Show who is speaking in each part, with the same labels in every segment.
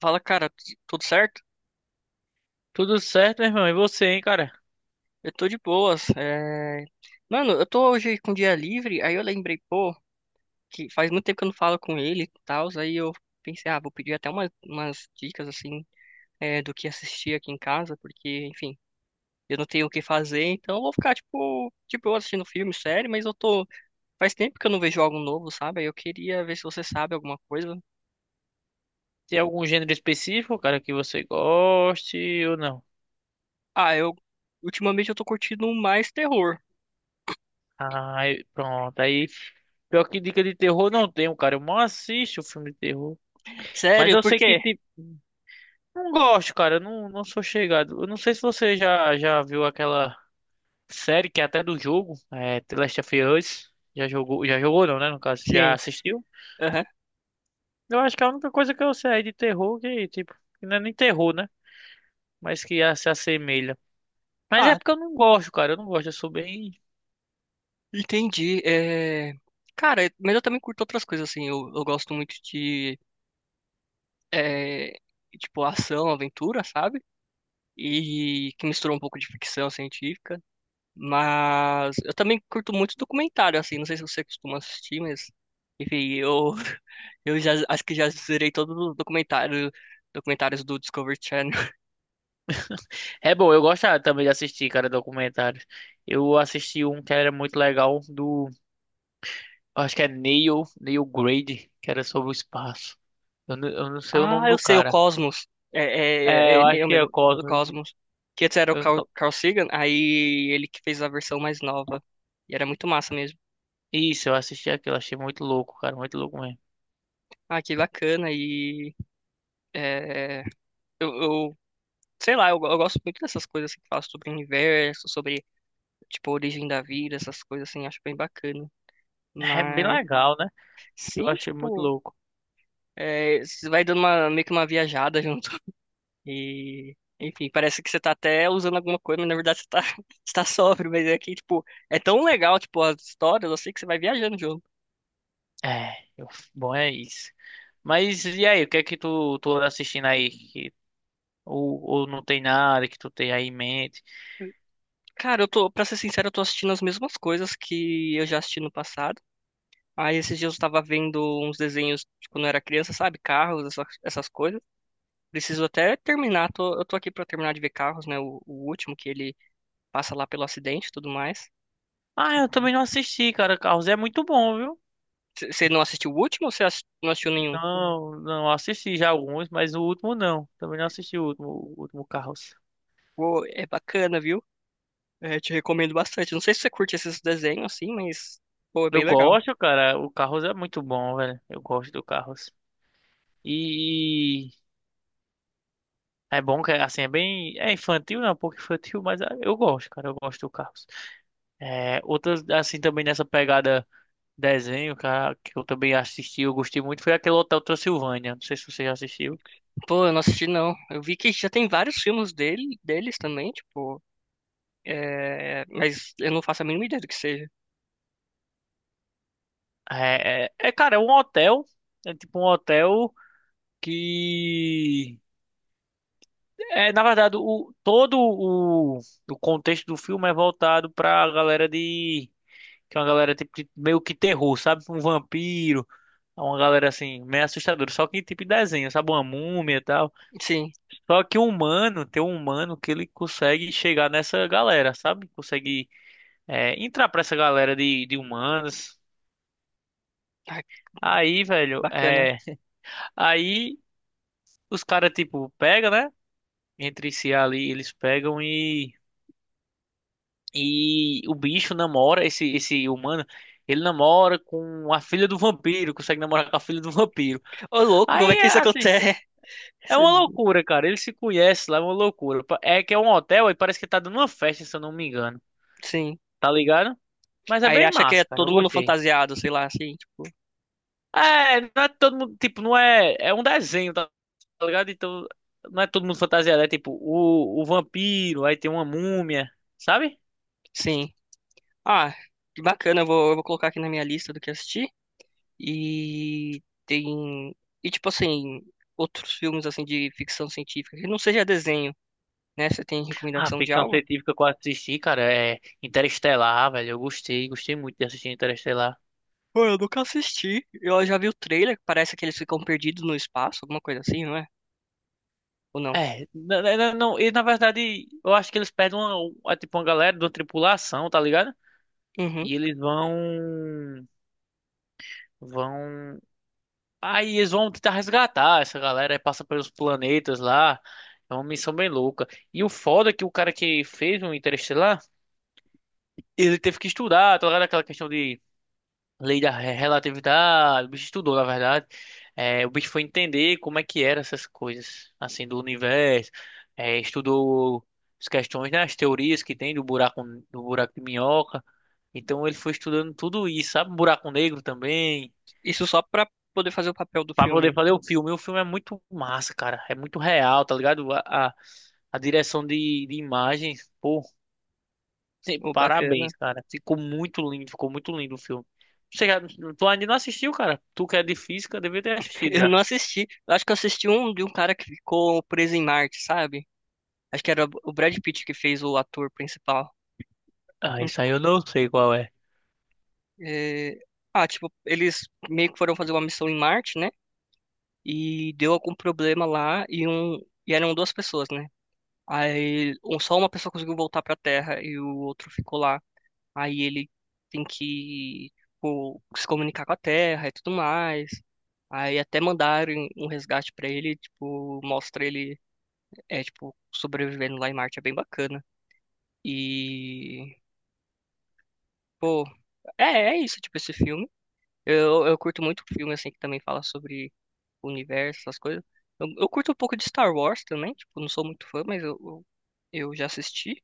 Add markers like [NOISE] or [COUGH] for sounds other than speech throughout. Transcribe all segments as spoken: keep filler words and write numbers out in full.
Speaker 1: Fala, cara, tu- tudo certo?
Speaker 2: Tudo certo, meu irmão? E você, hein, cara?
Speaker 1: Eu tô de boas. é, Mano, eu tô hoje com dia livre, aí eu lembrei, pô, que faz muito tempo que eu não falo com ele e tal, aí eu pensei, ah, vou pedir até uma- umas dicas, assim, é, do que assistir aqui em casa, porque, enfim, eu não tenho o que fazer, então eu vou ficar, tipo, de boa assistindo filme, série, mas eu tô... Faz tempo que eu não vejo algo novo, sabe? Aí eu queria ver se você sabe alguma coisa.
Speaker 2: Tem algum gênero específico, cara, que você goste ou não?
Speaker 1: Ah, eu... Ultimamente eu tô curtindo mais terror.
Speaker 2: Ah, eu- pronto. Aí, pior que dica de terror não tenho, cara. Eu mal assisto filme de terror. Mas
Speaker 1: Sério,
Speaker 2: eu
Speaker 1: por
Speaker 2: sei que,
Speaker 1: quê?
Speaker 2: tipo, não gosto, cara. Eu Não, não sou chegado. Eu não sei se você já, já viu aquela série que é até do jogo, é The Last of Us. Já jogou, já jogou não, né? No caso, já
Speaker 1: Sim.
Speaker 2: assistiu?
Speaker 1: Aham.
Speaker 2: Eu acho que é a única coisa que eu sei de terror que, tipo, que não é nem terror, né? Mas que ah, se assemelha. Mas é
Speaker 1: Ah,
Speaker 2: porque eu não gosto, cara. Eu não gosto. Eu sou bem.
Speaker 1: entendi. É... Cara, mas eu também curto outras coisas, assim. Eu, eu gosto muito de, é, tipo, ação, aventura, sabe? E que mistura um pouco de ficção científica. Mas eu também curto muito documentário, assim. Não sei se você costuma assistir, mas... Enfim, eu, [LAUGHS] eu já, acho que já zerei todos os documentários, documentários do Discovery Channel.
Speaker 2: É bom, eu gosto ah, também de assistir, cara, documentários. Eu assisti um que era muito legal do. Acho que é Neil, Neil Grade, que era sobre o espaço. Eu não, eu não sei o nome
Speaker 1: Ah, eu
Speaker 2: do
Speaker 1: sei, o
Speaker 2: cara.
Speaker 1: Cosmos. É,
Speaker 2: É,
Speaker 1: é, é,
Speaker 2: eu
Speaker 1: é
Speaker 2: acho
Speaker 1: eu
Speaker 2: que é
Speaker 1: mesmo, o
Speaker 2: Cosmos.
Speaker 1: Cosmos. Que antes era o
Speaker 2: Eu
Speaker 1: Carl,
Speaker 2: tô-
Speaker 1: Carl Sagan, aí ele que fez a versão mais nova. E era muito massa mesmo.
Speaker 2: Isso, eu assisti aquilo. Achei muito louco, cara. Muito louco mesmo.
Speaker 1: Ah, que bacana. E é, eu, eu- sei lá, eu, eu gosto muito dessas coisas assim, que falam sobre o universo, sobre, tipo, a origem da vida, essas coisas assim, acho bem bacana.
Speaker 2: [LAUGHS] É bem
Speaker 1: Mas,
Speaker 2: legal, né? Eu
Speaker 1: sim,
Speaker 2: achei muito
Speaker 1: tipo,
Speaker 2: louco.
Speaker 1: é, você vai dando uma, meio que uma viajada [LAUGHS] junto. E, enfim, parece que você tá até usando alguma coisa, mas na verdade você tá, [LAUGHS] você tá sóbrio, mas é que, tipo, é tão legal, tipo, as histórias, eu sei que você vai viajando junto.
Speaker 2: É, eu- Bom, é isso. Mas e aí, o que é que tu, tu anda assistindo aí? Que, ou, ou não tem nada que tu tenha aí em mente?
Speaker 1: Cara, eu tô, pra ser sincero, eu tô assistindo as mesmas coisas que eu já assisti no passado. Aí esses dias eu tava vendo uns desenhos de quando eu era criança, sabe? Carros, essa- essas coisas. Preciso até terminar, tô- eu tô aqui pra terminar de ver Carros, né? O, o último que ele passa lá pelo acidente e tudo mais.
Speaker 2: Ah, eu também não assisti, cara. Carros é muito bom, viu?
Speaker 1: C- Você não assistiu o último ou você ass- não assistiu nenhum?
Speaker 2: Não, não assisti já alguns, mas o último não. Também não assisti o último, o último Carros.
Speaker 1: Pô, é bacana, viu? É, te recomendo bastante. Não sei se você curte esses desenhos, assim, mas, pô, é
Speaker 2: Eu
Speaker 1: bem legal.
Speaker 2: gosto, cara. O Carros é muito bom, velho. Eu gosto do Carros. E é bom que assim é bem, é infantil, não, é um pouco infantil, mas é, eu gosto, cara. Eu gosto do Carros. É, outras assim também nessa pegada desenho, cara, que eu também assisti, eu gostei muito, foi aquele Hotel Transilvânia. Não sei se você já assistiu.
Speaker 1: Pô, eu não assisti, não. Eu vi que já tem vários filmes dele, deles também, tipo, é... mas eu não faço a mínima ideia do que seja.
Speaker 2: É, é, é, cara, é um hotel. É tipo um hotel que é na verdade o todo o, o contexto do filme é voltado pra galera de que é uma galera tipo de- meio que terror, sabe? Um vampiro, é uma galera assim meio assustadora, só que tipo de desenho, sabe? Uma múmia e tal.
Speaker 1: Sim.
Speaker 2: Só que o humano, tem um humano que ele consegue chegar nessa galera, sabe? Consegue é, entrar pra essa galera de, de humanos.
Speaker 1: Ai,
Speaker 2: Aí, velho,
Speaker 1: bacana.
Speaker 2: é aí os caras tipo pega, né? Entre si ali, eles pegam e E o bicho namora, esse, esse humano, ele namora com a filha do vampiro, consegue namorar com a filha do vampiro.
Speaker 1: Ô, louco, como é
Speaker 2: Aí,
Speaker 1: que isso
Speaker 2: assim,
Speaker 1: acontece?
Speaker 2: é uma
Speaker 1: [LAUGHS]
Speaker 2: loucura, cara. Eles se conhecem lá, é uma loucura. Pa- É que é um hotel e parece que tá dando uma festa, se eu não me engano.
Speaker 1: Sim.
Speaker 2: Tá ligado? Mas é
Speaker 1: Aí ele
Speaker 2: bem
Speaker 1: acha que é
Speaker 2: massa, cara. Eu
Speaker 1: todo mundo
Speaker 2: gostei.
Speaker 1: fantasiado, sei lá, assim, tipo,
Speaker 2: É, não é todo mundo, tipo, não é. É um desenho, tá tá ligado? Então, não é todo mundo fantasiado. É tipo, o, o vampiro, aí tem uma múmia, sabe?
Speaker 1: sim. Ah, que bacana, eu vou, eu vou colocar aqui na minha lista do que assistir. E tem... E, tipo, assim, outros filmes, assim, de ficção científica, que não seja desenho, né? Você tem
Speaker 2: Ah,
Speaker 1: recomendação de
Speaker 2: ficção
Speaker 1: algo?
Speaker 2: científica que eu assisti, cara, é Interestelar, velho. Eu gostei, gostei muito de assistir Interestelar.
Speaker 1: Pô, eu nunca assisti. Eu já vi o trailer, parece que eles ficam perdidos no espaço, alguma coisa assim, não é? Ou não?
Speaker 2: É, na- na- não, e na verdade, eu acho que eles pegam uma, um, é tipo uma galera de uma tripulação, tá ligado?
Speaker 1: Uhum.
Speaker 2: E eles vão, vão, aí eles vão tentar resgatar essa galera, aí passa pelos planetas lá. É uma missão bem louca. E o foda é que o cara que fez o Interestelar, ele teve que estudar, tá ligado? Aquela questão de lei da re- relatividade, o bicho estudou, na verdade. É, o bicho foi entender como é que eram essas coisas, assim, do universo. É, estudou as questões, né, as teorias que tem do buraco, do buraco de minhoca. Então ele foi estudando tudo isso, sabe? Um buraco negro também.
Speaker 1: Isso só pra poder fazer o papel do
Speaker 2: Pra poder
Speaker 1: filme.
Speaker 2: fazer o filme. E o filme é muito massa, cara. É muito real, tá ligado? A, a, a direção de, de imagens, sim,
Speaker 1: Oh, bacana.
Speaker 2: parabéns, cara. Ficou muito lindo, ficou muito lindo o filme. Você já, tu ainda não assistiu, cara? Tu que é de física, devia ter
Speaker 1: [LAUGHS]
Speaker 2: assistido
Speaker 1: Eu
Speaker 2: já.
Speaker 1: não assisti. Eu acho que eu assisti um de um cara que ficou preso em Marte, sabe? Acho que era o Brad Pitt que fez o ator principal.
Speaker 2: Ah,
Speaker 1: Hum,
Speaker 2: isso aí eu não sei qual é.
Speaker 1: É, ah, tipo, eles meio que foram fazer uma missão em Marte, né? E deu algum problema lá e um. E eram duas pessoas, né? Aí um- só uma pessoa conseguiu voltar pra Terra e o outro ficou lá. Aí ele tem que tipo, se comunicar com a Terra e tudo mais. Aí até mandaram um resgate pra ele, tipo, mostra ele é tipo sobrevivendo lá em Marte, é bem bacana. E pô, é, é isso, tipo esse filme. Eu, eu curto muito filme assim que também fala sobre o universo, essas coisas. Eu, eu curto um pouco de Star Wars também, tipo, não sou muito fã, mas eu, eu eu já assisti.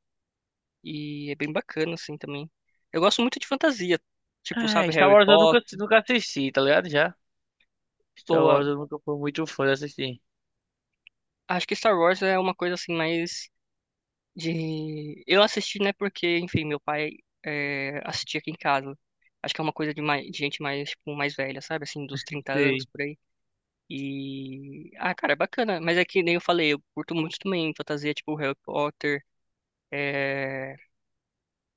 Speaker 1: E é bem bacana, assim, também. Eu gosto muito de fantasia. Tipo,
Speaker 2: É,
Speaker 1: sabe,
Speaker 2: Star
Speaker 1: Harry
Speaker 2: Wars eu nunca,
Speaker 1: Potter.
Speaker 2: nunca assisti, tá ligado? Já. Star
Speaker 1: Boa.
Speaker 2: Wars eu nunca fui muito fã de assistir.
Speaker 1: Acho que Star Wars é uma coisa, assim, mais de... Eu assisti, né, porque, enfim, meu pai é, assistia aqui em casa. Acho que é uma coisa de, mais, de gente mais, tipo, mais velha, sabe? Assim, dos trinta anos,
Speaker 2: Sei.
Speaker 1: por aí. E... Ah, cara, é bacana. Mas é que nem eu falei, eu curto muito também fantasia, tipo, Harry Potter. É...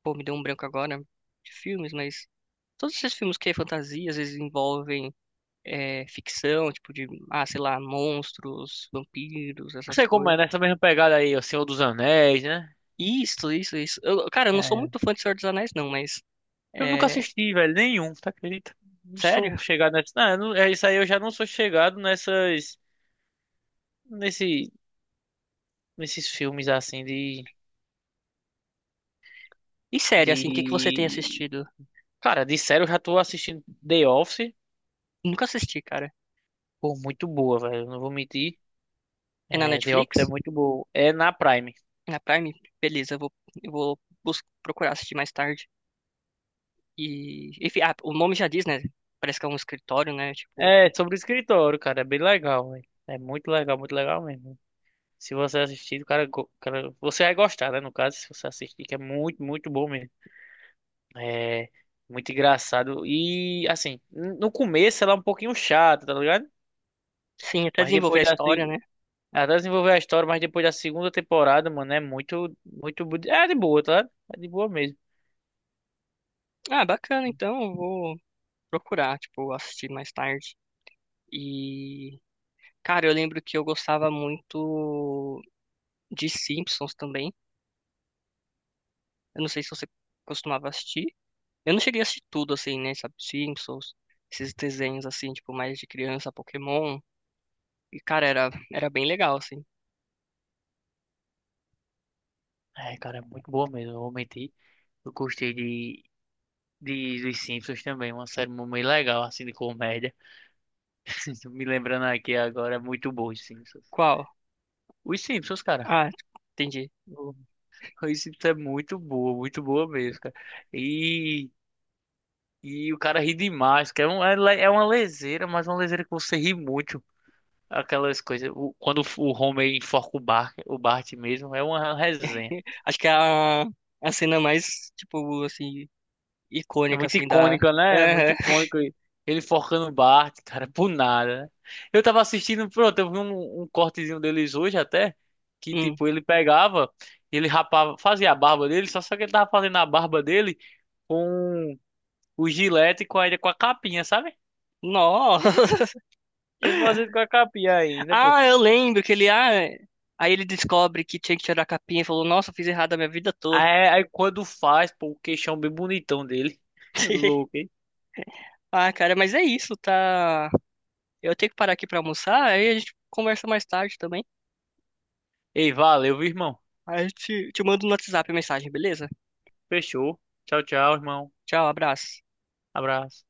Speaker 1: Pô, me deu um branco agora de filmes, mas... Todos esses filmes que é fantasia, às vezes envolvem é, ficção, tipo de, ah, sei lá, monstros, vampiros,
Speaker 2: Não
Speaker 1: essas
Speaker 2: sei como é,
Speaker 1: coisas.
Speaker 2: nessa mesma pegada aí, O Senhor dos Anéis, né?
Speaker 1: Isso, isso, isso. Eu- cara, eu não sou
Speaker 2: É.
Speaker 1: muito fã de Senhor dos Anéis, não, mas
Speaker 2: Eu nunca
Speaker 1: é,
Speaker 2: assisti, velho, nenhum, tá acredita? Não
Speaker 1: sério?
Speaker 2: sou chegado nessa. Não, eu não- é isso aí eu já não sou chegado nessas. Nesse, nesses filmes assim de.
Speaker 1: E sério, assim, o que que você tem
Speaker 2: De
Speaker 1: assistido?
Speaker 2: Cara, de série eu já tô assistindo The Office.
Speaker 1: Nunca assisti, cara.
Speaker 2: Pô, muito boa, velho. Não vou mentir.
Speaker 1: É na
Speaker 2: É, The Office
Speaker 1: Netflix?
Speaker 2: é muito boa. É na Prime.
Speaker 1: É na Prime? Beleza, eu vou, eu vou bus- procurar assistir mais tarde. E, enfim, ah, o nome já diz, né? Parece que é um escritório, né? Tipo,
Speaker 2: É,
Speaker 1: que,
Speaker 2: sobre o escritório, cara. É bem legal, velho. É muito legal, muito legal mesmo. Se você assistir, o cara, go- o cara- você vai gostar, né? No caso, se você assistir, que é muito, muito bom mesmo. É muito engraçado. E, assim, n- no começo ela é um pouquinho chata, tá ligado?
Speaker 1: sim, até
Speaker 2: Mas
Speaker 1: desenvolver
Speaker 2: depois
Speaker 1: a
Speaker 2: da...
Speaker 1: história,
Speaker 2: se-
Speaker 1: né?
Speaker 2: Até desenvolver a história, mas depois da segunda temporada, mano, é muito, muito... bu- É de boa, tá ligado? É de boa mesmo.
Speaker 1: Ah, bacana, então eu vou procurar, tipo, assistir mais tarde. E cara, eu lembro que eu gostava muito de Simpsons também. Eu não sei se você costumava assistir. Eu não cheguei a assistir tudo, assim, né? Sabe, Simpsons, esses desenhos, assim, tipo, mais de criança, Pokémon. E, cara, era, era bem legal, assim.
Speaker 2: É, cara, é muito boa mesmo, eu vou mentir. Eu gostei de, de dos Simpsons também, uma série muito legal, assim, de comédia. [LAUGHS] Tô Me lembrando aqui agora, é muito bom os Simpsons.
Speaker 1: Qual?
Speaker 2: Os Simpsons, cara.
Speaker 1: Ah, entendi.
Speaker 2: o- Os Simpsons é muito boa, muito boa mesmo, cara. E, e o cara ri demais, que é, um, é, le- é uma leseira, mas uma leseira que você ri muito. Aquelas coisas, o- quando o Homer enforca o Bart, o Bart mesmo, é uma resenha.
Speaker 1: Acho que é a, a cena mais, tipo, assim,
Speaker 2: É
Speaker 1: icônica,
Speaker 2: muito
Speaker 1: assim, da...
Speaker 2: icônica, né? É muito
Speaker 1: Aham.
Speaker 2: icônico. Ele forcando o Bart, cara, por nada, né? Eu tava assistindo, pronto, eu vi um, um cortezinho deles hoje até, que
Speaker 1: Hum.
Speaker 2: tipo, ele pegava, ele rapava, fazia a barba dele, só só que ele tava fazendo a barba dele com o gilete e com a, com a capinha, sabe?
Speaker 1: Nossa! [LAUGHS]
Speaker 2: Ele fazendo com a capinha ainda, pô.
Speaker 1: Ah, eu lembro que ele... Ah, aí ele descobre que tinha que tirar a capinha e falou, nossa, eu fiz errado a minha vida toda.
Speaker 2: Aí, aí quando faz, pô, o queixão bem bonitão dele. [LAUGHS]
Speaker 1: [LAUGHS]
Speaker 2: Louco, hein?
Speaker 1: Ah, cara, mas é isso, tá? Eu tenho que parar aqui pra almoçar, aí a gente conversa mais tarde também.
Speaker 2: Ei, valeu, viu, irmão?
Speaker 1: Aí eu te, te mando no WhatsApp a mensagem, beleza?
Speaker 2: Fechou. Tchau, tchau, irmão.
Speaker 1: Tchau, abraço.
Speaker 2: Abraço.